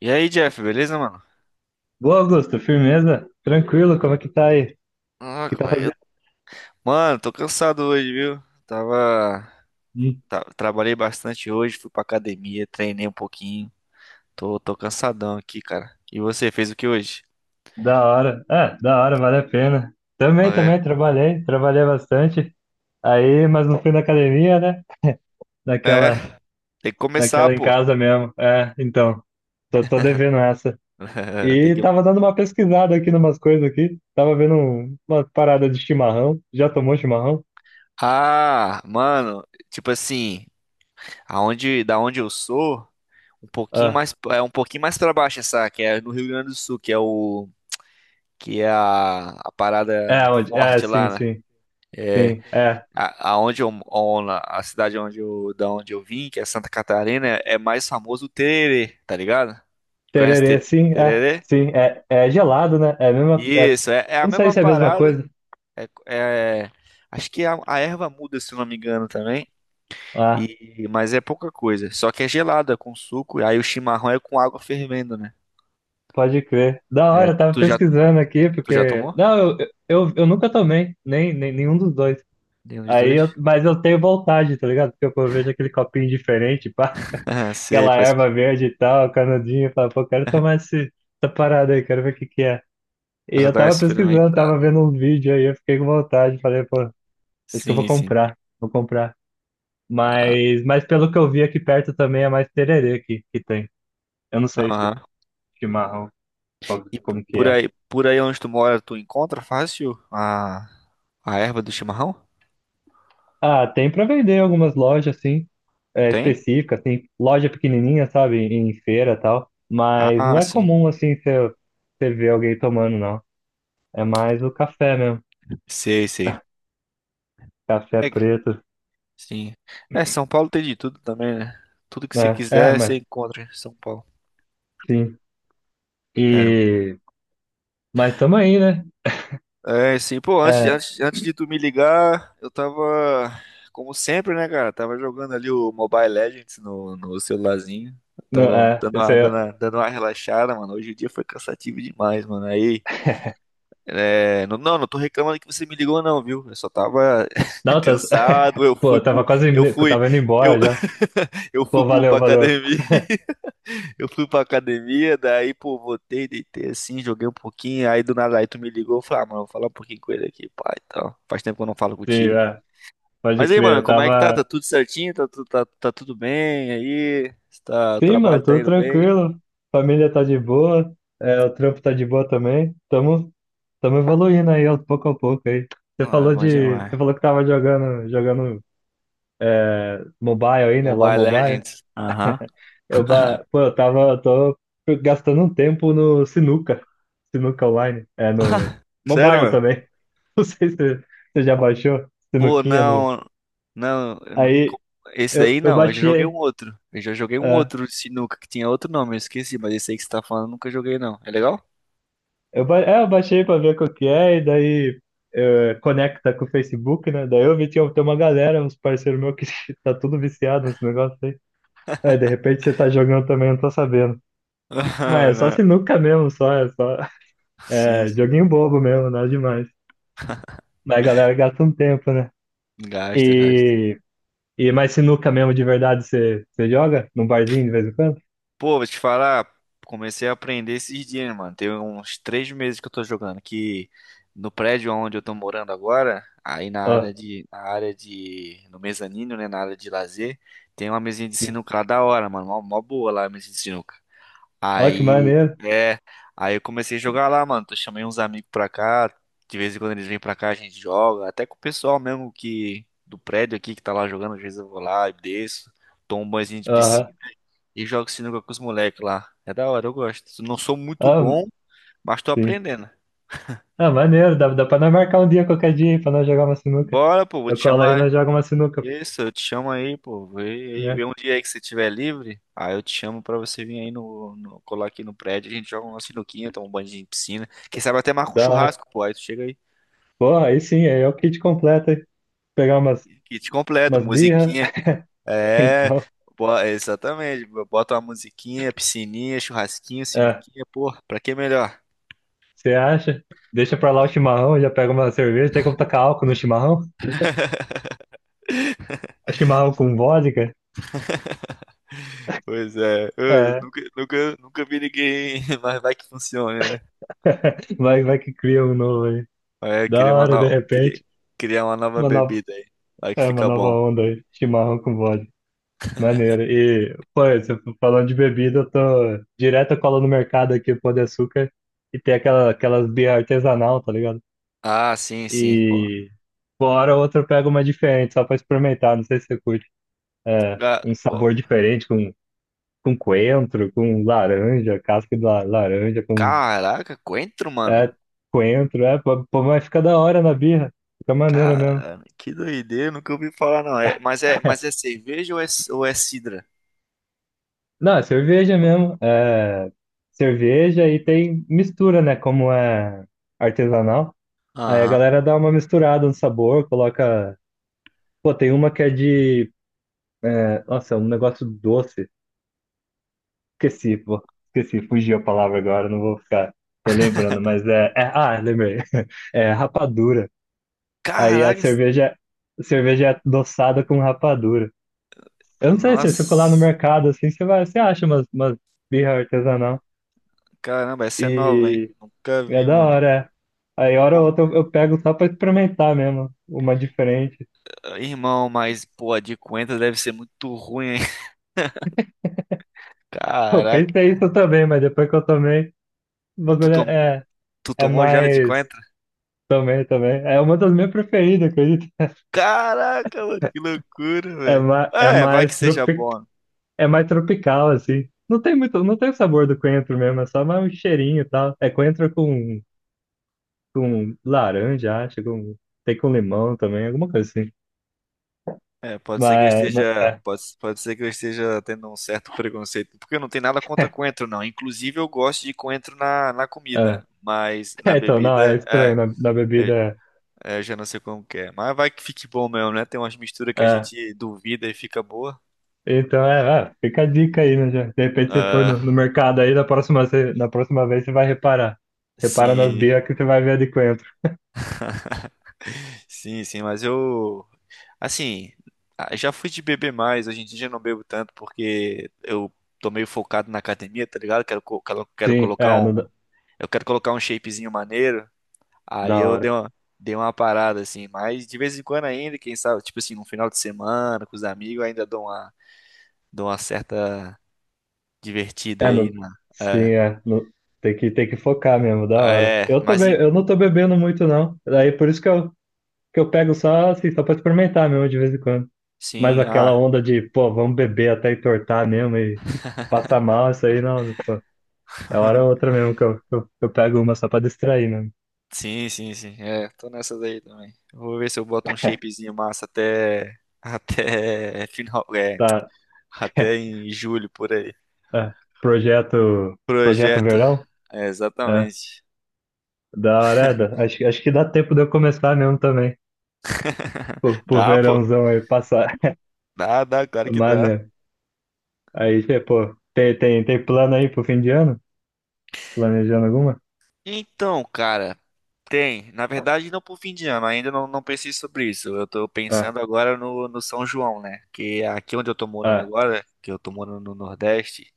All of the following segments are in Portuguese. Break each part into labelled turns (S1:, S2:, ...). S1: E aí, Jeff, beleza, mano?
S2: Boa, Augusto, firmeza? Tranquilo, como é que tá aí? O
S1: Ah,
S2: que
S1: como
S2: tá
S1: é eu...
S2: fazendo?
S1: Mano, tô cansado hoje, viu?
S2: Ih,
S1: Trabalhei bastante hoje, fui pra academia, treinei um pouquinho. Tô cansadão aqui, cara. E você, fez o que hoje?
S2: da hora. É, da hora, vale a pena. Também,
S1: É,
S2: também, trabalhei, bastante. Aí, mas não fui na academia, né?
S1: é,
S2: Naquela,
S1: tem que começar,
S2: naquela em
S1: pô.
S2: casa mesmo. É, então, tô devendo essa.
S1: Tem
S2: E
S1: que...
S2: tava dando uma pesquisada aqui numas coisas aqui. Tava vendo uma parada de chimarrão. Já tomou chimarrão?
S1: Ah, mano, tipo assim, aonde, da onde eu sou, um pouquinho
S2: Ah,
S1: mais, é um pouquinho mais pra baixo essa, que é no Rio Grande do Sul, que é a parada
S2: é, onde? É,
S1: forte
S2: sim,
S1: lá, né?
S2: sim,
S1: É,
S2: sim. É.
S1: A, aonde eu, on- a cidade onde eu, da onde eu vim, que é Santa Catarina, é mais famoso o tererê, tá ligado? Conhece
S2: Tererê, sim, é.
S1: tererê?
S2: Sim, é, é gelado, né? É a mesma. É,
S1: Isso, é, é a
S2: não sei
S1: mesma
S2: se é a mesma
S1: parada.
S2: coisa.
S1: É, é- acho que a erva muda, se eu não me engano, também.
S2: Ah,
S1: E, mas é pouca coisa. Só que é gelada, com suco. E aí o chimarrão é com água fervendo, né?
S2: pode crer. Da
S1: É,
S2: hora, eu tava
S1: tu já,
S2: pesquisando aqui,
S1: tu já
S2: porque.
S1: tomou?
S2: Não, eu nunca tomei, nem, nem nenhum dos dois.
S1: Nenhum dos
S2: Aí eu,
S1: dois?
S2: mas eu tenho vontade, tá ligado? Porque eu vejo aquele copinho diferente, pá,
S1: Ah, sei,
S2: aquela
S1: pra,
S2: erva verde e tal, canudinho, eu falo, pô, quero tomar essa parada aí, quero ver o que que é. E
S1: pra
S2: eu
S1: dar uma
S2: tava pesquisando, tava
S1: experimentada.
S2: vendo um vídeo aí, eu fiquei com vontade, falei, pô, acho que eu vou
S1: Sim, sim.
S2: comprar, vou comprar.
S1: Ah,
S2: Mas, pelo que eu vi aqui perto também é mais tererê que tem. Eu não sei se
S1: aham.
S2: chimarrão,
S1: E p-
S2: como que
S1: por
S2: é.
S1: aí, por aí onde tu mora, tu encontra fácil a erva do chimarrão?
S2: Ah, tem pra vender em algumas lojas, assim, é,
S1: Tem?
S2: específicas, assim, loja pequenininha, sabe, em feira e tal. Mas não
S1: Ah,
S2: é
S1: sim.
S2: comum, assim, você ver alguém tomando, não. É mais o café mesmo,
S1: Sei, sei.
S2: café
S1: É,
S2: preto,
S1: sim. É, São Paulo tem de tudo também, né? Tudo que você
S2: né? É,
S1: quiser, você
S2: mas
S1: encontra em São Paulo.
S2: sim. E... Mas tamo aí, né?
S1: É sim. Pô, antes,
S2: É,
S1: antes, antes de tu me ligar, eu tava, como sempre, né, cara? Tava jogando ali o Mobile Legends no celularzinho.
S2: não,
S1: Tava
S2: é,
S1: dando
S2: isso
S1: uma,
S2: aí...
S1: dando
S2: é,
S1: uma, dando uma relaxada, mano. Hoje o dia foi cansativo demais, mano. Aí. É, não, não, não tô reclamando que você me ligou, não, viu? Eu só tava
S2: não, tá...
S1: cansado, eu
S2: Pô,
S1: fui
S2: eu
S1: pro.
S2: tava
S1: Eu
S2: eu
S1: fui.
S2: tava indo
S1: Eu,
S2: embora já.
S1: eu fui
S2: Pô,
S1: pro,
S2: valeu,
S1: pra
S2: valeu.
S1: academia. Eu fui pra academia, daí, pô, voltei, deitei assim, joguei um pouquinho. Aí do nada aí tu me ligou, eu falei, ah, mano, vou falar um pouquinho com ele aqui, pai. Então, faz tempo que eu não falo
S2: Sim,
S1: contigo.
S2: é, pode
S1: Mas aí,
S2: crer.
S1: mano,
S2: Eu
S1: como é que tá? Tá
S2: tava.
S1: tudo certinho? Tá tudo bem aí? Tá, o
S2: Sim,
S1: trabalho
S2: mano,
S1: tá
S2: tudo
S1: indo bem?
S2: tranquilo. Família tá de boa. É, o trampo tá de boa também. Tamo evoluindo aí, ó, pouco a pouco aí. Você
S1: Ah, é
S2: falou
S1: bom
S2: de. Você
S1: demais.
S2: falou que tava jogando é, mobile aí, né? Lá o
S1: Mobile
S2: Mobile.
S1: Legends. Aham.
S2: Eu, ba- pô, eu tava. Eu tô gastando um tempo no Sinuca. Sinuca Online. É, no
S1: Sério,
S2: Mobile
S1: mano?
S2: também. Não sei se você já baixou.
S1: Pô,
S2: Sinuquinha no.
S1: não. Não, eu não- co-
S2: Aí
S1: esse daí
S2: eu
S1: não, eu já joguei um
S2: baixei.
S1: outro. Eu já joguei um
S2: É.
S1: outro de sinuca que tinha outro nome, eu esqueci, mas esse aí que você tá falando eu nunca joguei não. É legal?
S2: Eu baixei pra ver qual que é, e daí conecta com o Facebook, né? Daí eu vi tinha tem uma galera, uns parceiros meus que tá tudo viciado nesse negócio aí. Aí de repente você tá jogando também, eu não tô sabendo. Mas
S1: Ah,
S2: é só
S1: não.
S2: sinuca mesmo, só, é só.
S1: Sim,
S2: É
S1: sim.
S2: joguinho bobo mesmo, nada demais. Mas a galera gasta um tempo, né?
S1: Gasta, gasta.
S2: E, e mais sinuca mesmo de verdade você joga? Num barzinho de vez em quando?
S1: Pô, vou te falar, comecei a aprender esses dias, mano. Tem uns 3 meses que eu tô jogando, que no prédio onde eu tô morando agora, aí
S2: Ó,
S1: no mezanino, né, na área de lazer, tem uma mesinha de
S2: sim.
S1: sinuca lá da hora, mano, mó, mó boa lá a mesinha de sinuca.
S2: Ó, que
S1: Aí,
S2: maneiro.
S1: é, aí, eu comecei a jogar lá, mano. Eu chamei uns amigos pra cá. De vez em quando eles vêm pra cá, a gente joga. Até com o pessoal mesmo que do prédio aqui que tá lá jogando, às vezes eu vou lá e desço, tomo um banhozinho de piscina
S2: Aham.
S1: e jogo sinuca com os moleques lá. É da hora, eu gosto. Não sou muito
S2: Ah,
S1: bom, mas tô
S2: sim.
S1: aprendendo.
S2: Ah, maneiro, dá, dá pra nós marcar um dia qualquer dia aí pra nós jogar uma sinuca.
S1: Bora, pô, vou
S2: Eu
S1: te
S2: colo aí e nós
S1: chamar.
S2: joga uma sinuca,
S1: Isso, eu te chamo aí, pô. Vê, aí,
S2: né?
S1: vê um dia aí que você estiver livre. Aí eu te chamo pra você vir aí colar aqui no prédio. A gente joga uma sinuquinha, toma um banho de piscina. Quem sabe até marca um
S2: Da hora.
S1: churrasco, pô. Aí tu chega aí.
S2: Porra, aí sim, aí é o kit completo, hein? Pegar
S1: Kit completo,
S2: umas birra,
S1: musiquinha. É,
S2: então,
S1: exatamente. Bota uma musiquinha, piscininha, churrasquinho,
S2: é,
S1: sinuquinha, pô. Pra que melhor?
S2: você acha? Deixa pra lá o
S1: Ah,
S2: chimarrão, já pega uma cerveja, tem como tacar álcool no chimarrão? Chimarrão com vodka?
S1: pois é, eu
S2: É,
S1: nunca, nunca, nunca vi ninguém, mas vai que funcione, né?
S2: vai, vai que cria um novo aí.
S1: É,
S2: Da
S1: criar uma
S2: hora, de
S1: nova,
S2: repente, uma nova,
S1: bebida aí. Vai que
S2: é, uma
S1: fica
S2: nova
S1: bom.
S2: onda aí, chimarrão com vodka. Maneiro. E, pô, você falando de bebida, eu tô direto eu colo no mercado aqui, Pão de Açúcar, e tem aquelas birra artesanal, tá ligado?
S1: Ah, sim, sim, pô.
S2: E fora outra eu pego uma diferente, só pra experimentar, não sei se você curte. É,
S1: Ga-
S2: um
S1: pô.
S2: sabor diferente, com coentro, com laranja, casca de laranja, com
S1: Caraca, coentro, mano.
S2: é, coentro, é, pô, pô, mas fica da hora na birra, fica maneiro mesmo.
S1: Cara, que doideira, nunca ouvi falar não. É, mas é cerveja ou é sidra?
S2: Não, é cerveja mesmo, é cerveja e tem mistura, né, como é artesanal. Aí a
S1: Aham.
S2: galera dá uma misturada no sabor, coloca. Pô, tem uma que é de. É... Nossa, é um negócio doce. Esqueci, pô. Esqueci, fugiu a palavra agora, não vou ficar relembrando, mas é. É... Ah, lembrei. É rapadura. Aí
S1: Caraca,
S2: a cerveja é adoçada com rapadura. Eu não sei se você colar no
S1: nossa.
S2: mercado assim, você vai, você acha umas birra artesanal.
S1: Caramba, essa é
S2: E
S1: nova, hein? Nunca
S2: e é
S1: vi,
S2: da
S1: mano.
S2: hora, é. Aí, hora ou
S1: Bom,
S2: outra, eu pego só pra experimentar mesmo, uma diferente.
S1: irmão, mas pô, a de coentro deve ser muito ruim, hein?
S2: Eu
S1: Caraca.
S2: pensei isso também, mas depois que eu tomei. O
S1: Tu
S2: bagulho
S1: tomou,
S2: é
S1: tu
S2: é
S1: tomou já a de
S2: mais.
S1: coentro?
S2: Também, também. É uma das minhas preferidas, acredito.
S1: Caraca, mano, que loucura,
S2: É,
S1: velho.
S2: ma, é,
S1: É, vai que
S2: mais
S1: seja bom.
S2: é mais tropical, assim. Não tem muito, não tem o sabor do coentro mesmo, é só mais um cheirinho e tal. É coentro com laranja, acho, com, tem com limão também, alguma coisa assim.
S1: É,
S2: Mas, mas- é,
S1: pode ser que eu esteja tendo um certo preconceito, porque eu não tenho nada contra coentro, não. Inclusive, eu gosto de coentro na
S2: é.
S1: comida, mas na
S2: É, então, não, é
S1: bebida,
S2: estranho na
S1: eu,
S2: bebida.
S1: eu já não sei como que é. Mas vai que fique bom mesmo, né? Tem umas misturas que
S2: É.
S1: a
S2: É.
S1: gente duvida e fica boa.
S2: Então, é, é, fica a dica aí, né? Já. De repente você for no
S1: Ah,
S2: mercado aí, na próxima, na próxima vez você vai reparar. Repara nas
S1: sim,
S2: bias que você vai ver a de coentro.
S1: sim, sim, mas eu, assim, ah, já fui de beber mais, hoje em dia já não bebo tanto, porque eu tô meio focado na academia, tá ligado? Quero, co- quero, quero
S2: Sim,
S1: colocar
S2: é,
S1: um,
S2: no
S1: eu quero colocar um shapezinho maneiro. Aí
S2: da
S1: eu dei
S2: hora.
S1: uma, dei uma parada, assim, mas de vez em quando ainda, quem sabe, tipo assim, no final de semana, com os amigos, eu ainda dou uma certa divertida
S2: É,
S1: aí
S2: no
S1: na.
S2: sim,
S1: É,
S2: é, não, tem que focar mesmo, da hora.
S1: é,
S2: Eu também, eu não tô bebendo muito, não. Daí por isso que eu pego só, assim, só pra experimentar mesmo, de vez em quando. Mas
S1: sim,
S2: aquela
S1: ah,
S2: onda de, pô, vamos beber até entortar mesmo e passar mal, isso aí não, pô, é hora ou outra mesmo que eu pego uma só pra distrair, né?
S1: sim, sim, sim, é, tô nessa daí também. Vou ver se eu boto um shapezinho massa até, até final, é,
S2: Tá,
S1: até em julho, por aí.
S2: é, projeto
S1: Projeto,
S2: verão?
S1: é,
S2: É,
S1: exatamente.
S2: da hora, é, acho, acho que dá tempo de eu começar mesmo também, pro
S1: Dá, pô,
S2: verãozão aí passar.
S1: dá, claro que dá.
S2: Maneiro. Aí, cê, pô, tem plano aí pro fim de ano? Planejando alguma?
S1: Então, cara, tem. Na verdade, não pro fim de ano, ainda não, não pensei sobre isso. Eu tô
S2: Ah,
S1: pensando agora no São João, né? Que é aqui onde eu tô morando
S2: ah,
S1: agora, que eu tô morando no Nordeste,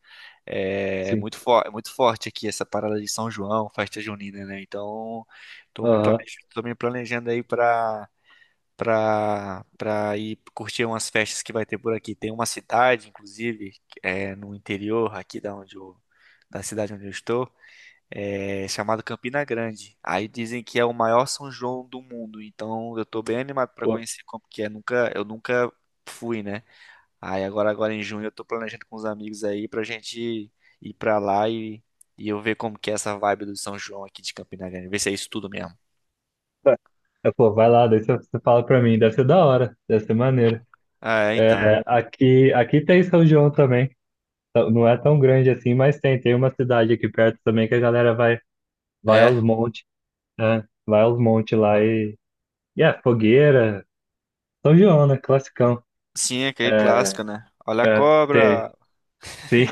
S1: é, é
S2: sim.
S1: muito, fo é muito forte aqui essa parada de São João, festa junina, né? Então, tô me
S2: Aham.
S1: planejando, tô me planejando aí pra ir curtir umas festas que vai ter por aqui. Tem uma cidade, inclusive, que é, no interior aqui da cidade onde eu estou, é, chamado Campina Grande. Aí dizem que é o maior São João do mundo, então eu tô bem animado pra
S2: Pô,
S1: conhecer como que é. Nunca, eu nunca fui, né? Aí agora em junho eu tô planejando com os amigos aí pra gente ir pra lá e eu ver como que é essa vibe do São João aqui de Campina Grande, ver se é isso tudo mesmo.
S2: tá. É, pô, vai lá, daí você fala pra mim. Deve ser da hora, deve ser maneiro.
S1: Ah, é,
S2: É,
S1: então.
S2: aqui, aqui tem São João também. Tá. Não é tão grande assim, mas tem. Tem uma cidade aqui perto também que a galera vai, vai
S1: É,
S2: aos montes, né? Vai aos montes lá e. E é, fogueira. São João, né? Classicão.
S1: sim, é aquele
S2: É,
S1: clássico, né? Olha a
S2: é, tem,
S1: cobra.
S2: sim,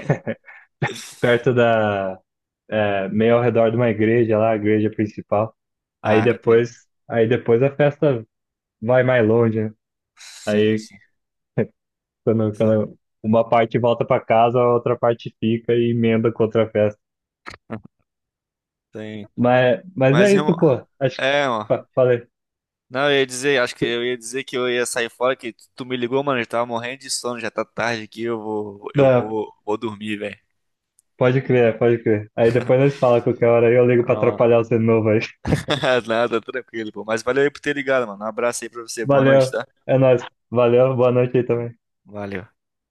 S2: perto da. É, meio ao redor de uma igreja lá, a igreja principal.
S1: Ah, entendi.
S2: Aí depois a festa vai mais longe, né?
S1: Sim,
S2: Aí
S1: sim. Saca.
S2: quando uma parte volta para casa, a outra parte fica e emenda com outra festa.
S1: Tem.
S2: Mas,
S1: Mas,
S2: é
S1: irmão,
S2: isso, pô. Acho que
S1: é, ó.
S2: falei.
S1: Não, acho que eu ia dizer que eu ia sair fora, que tu me ligou, mano, eu tava morrendo de sono, já tá tarde aqui, eu vou, eu
S2: Não,
S1: vou, vou dormir, velho.
S2: pode crer, pode crer. Aí depois nós fala qualquer hora, aí eu ligo pra
S1: Não,
S2: atrapalhar você de novo aí.
S1: nada, tranquilo, pô. Mas valeu aí por ter ligado, mano. Um abraço aí pra você, boa
S2: Valeu,
S1: noite, tá?
S2: é nóis. Valeu, boa noite aí também.
S1: Valeu.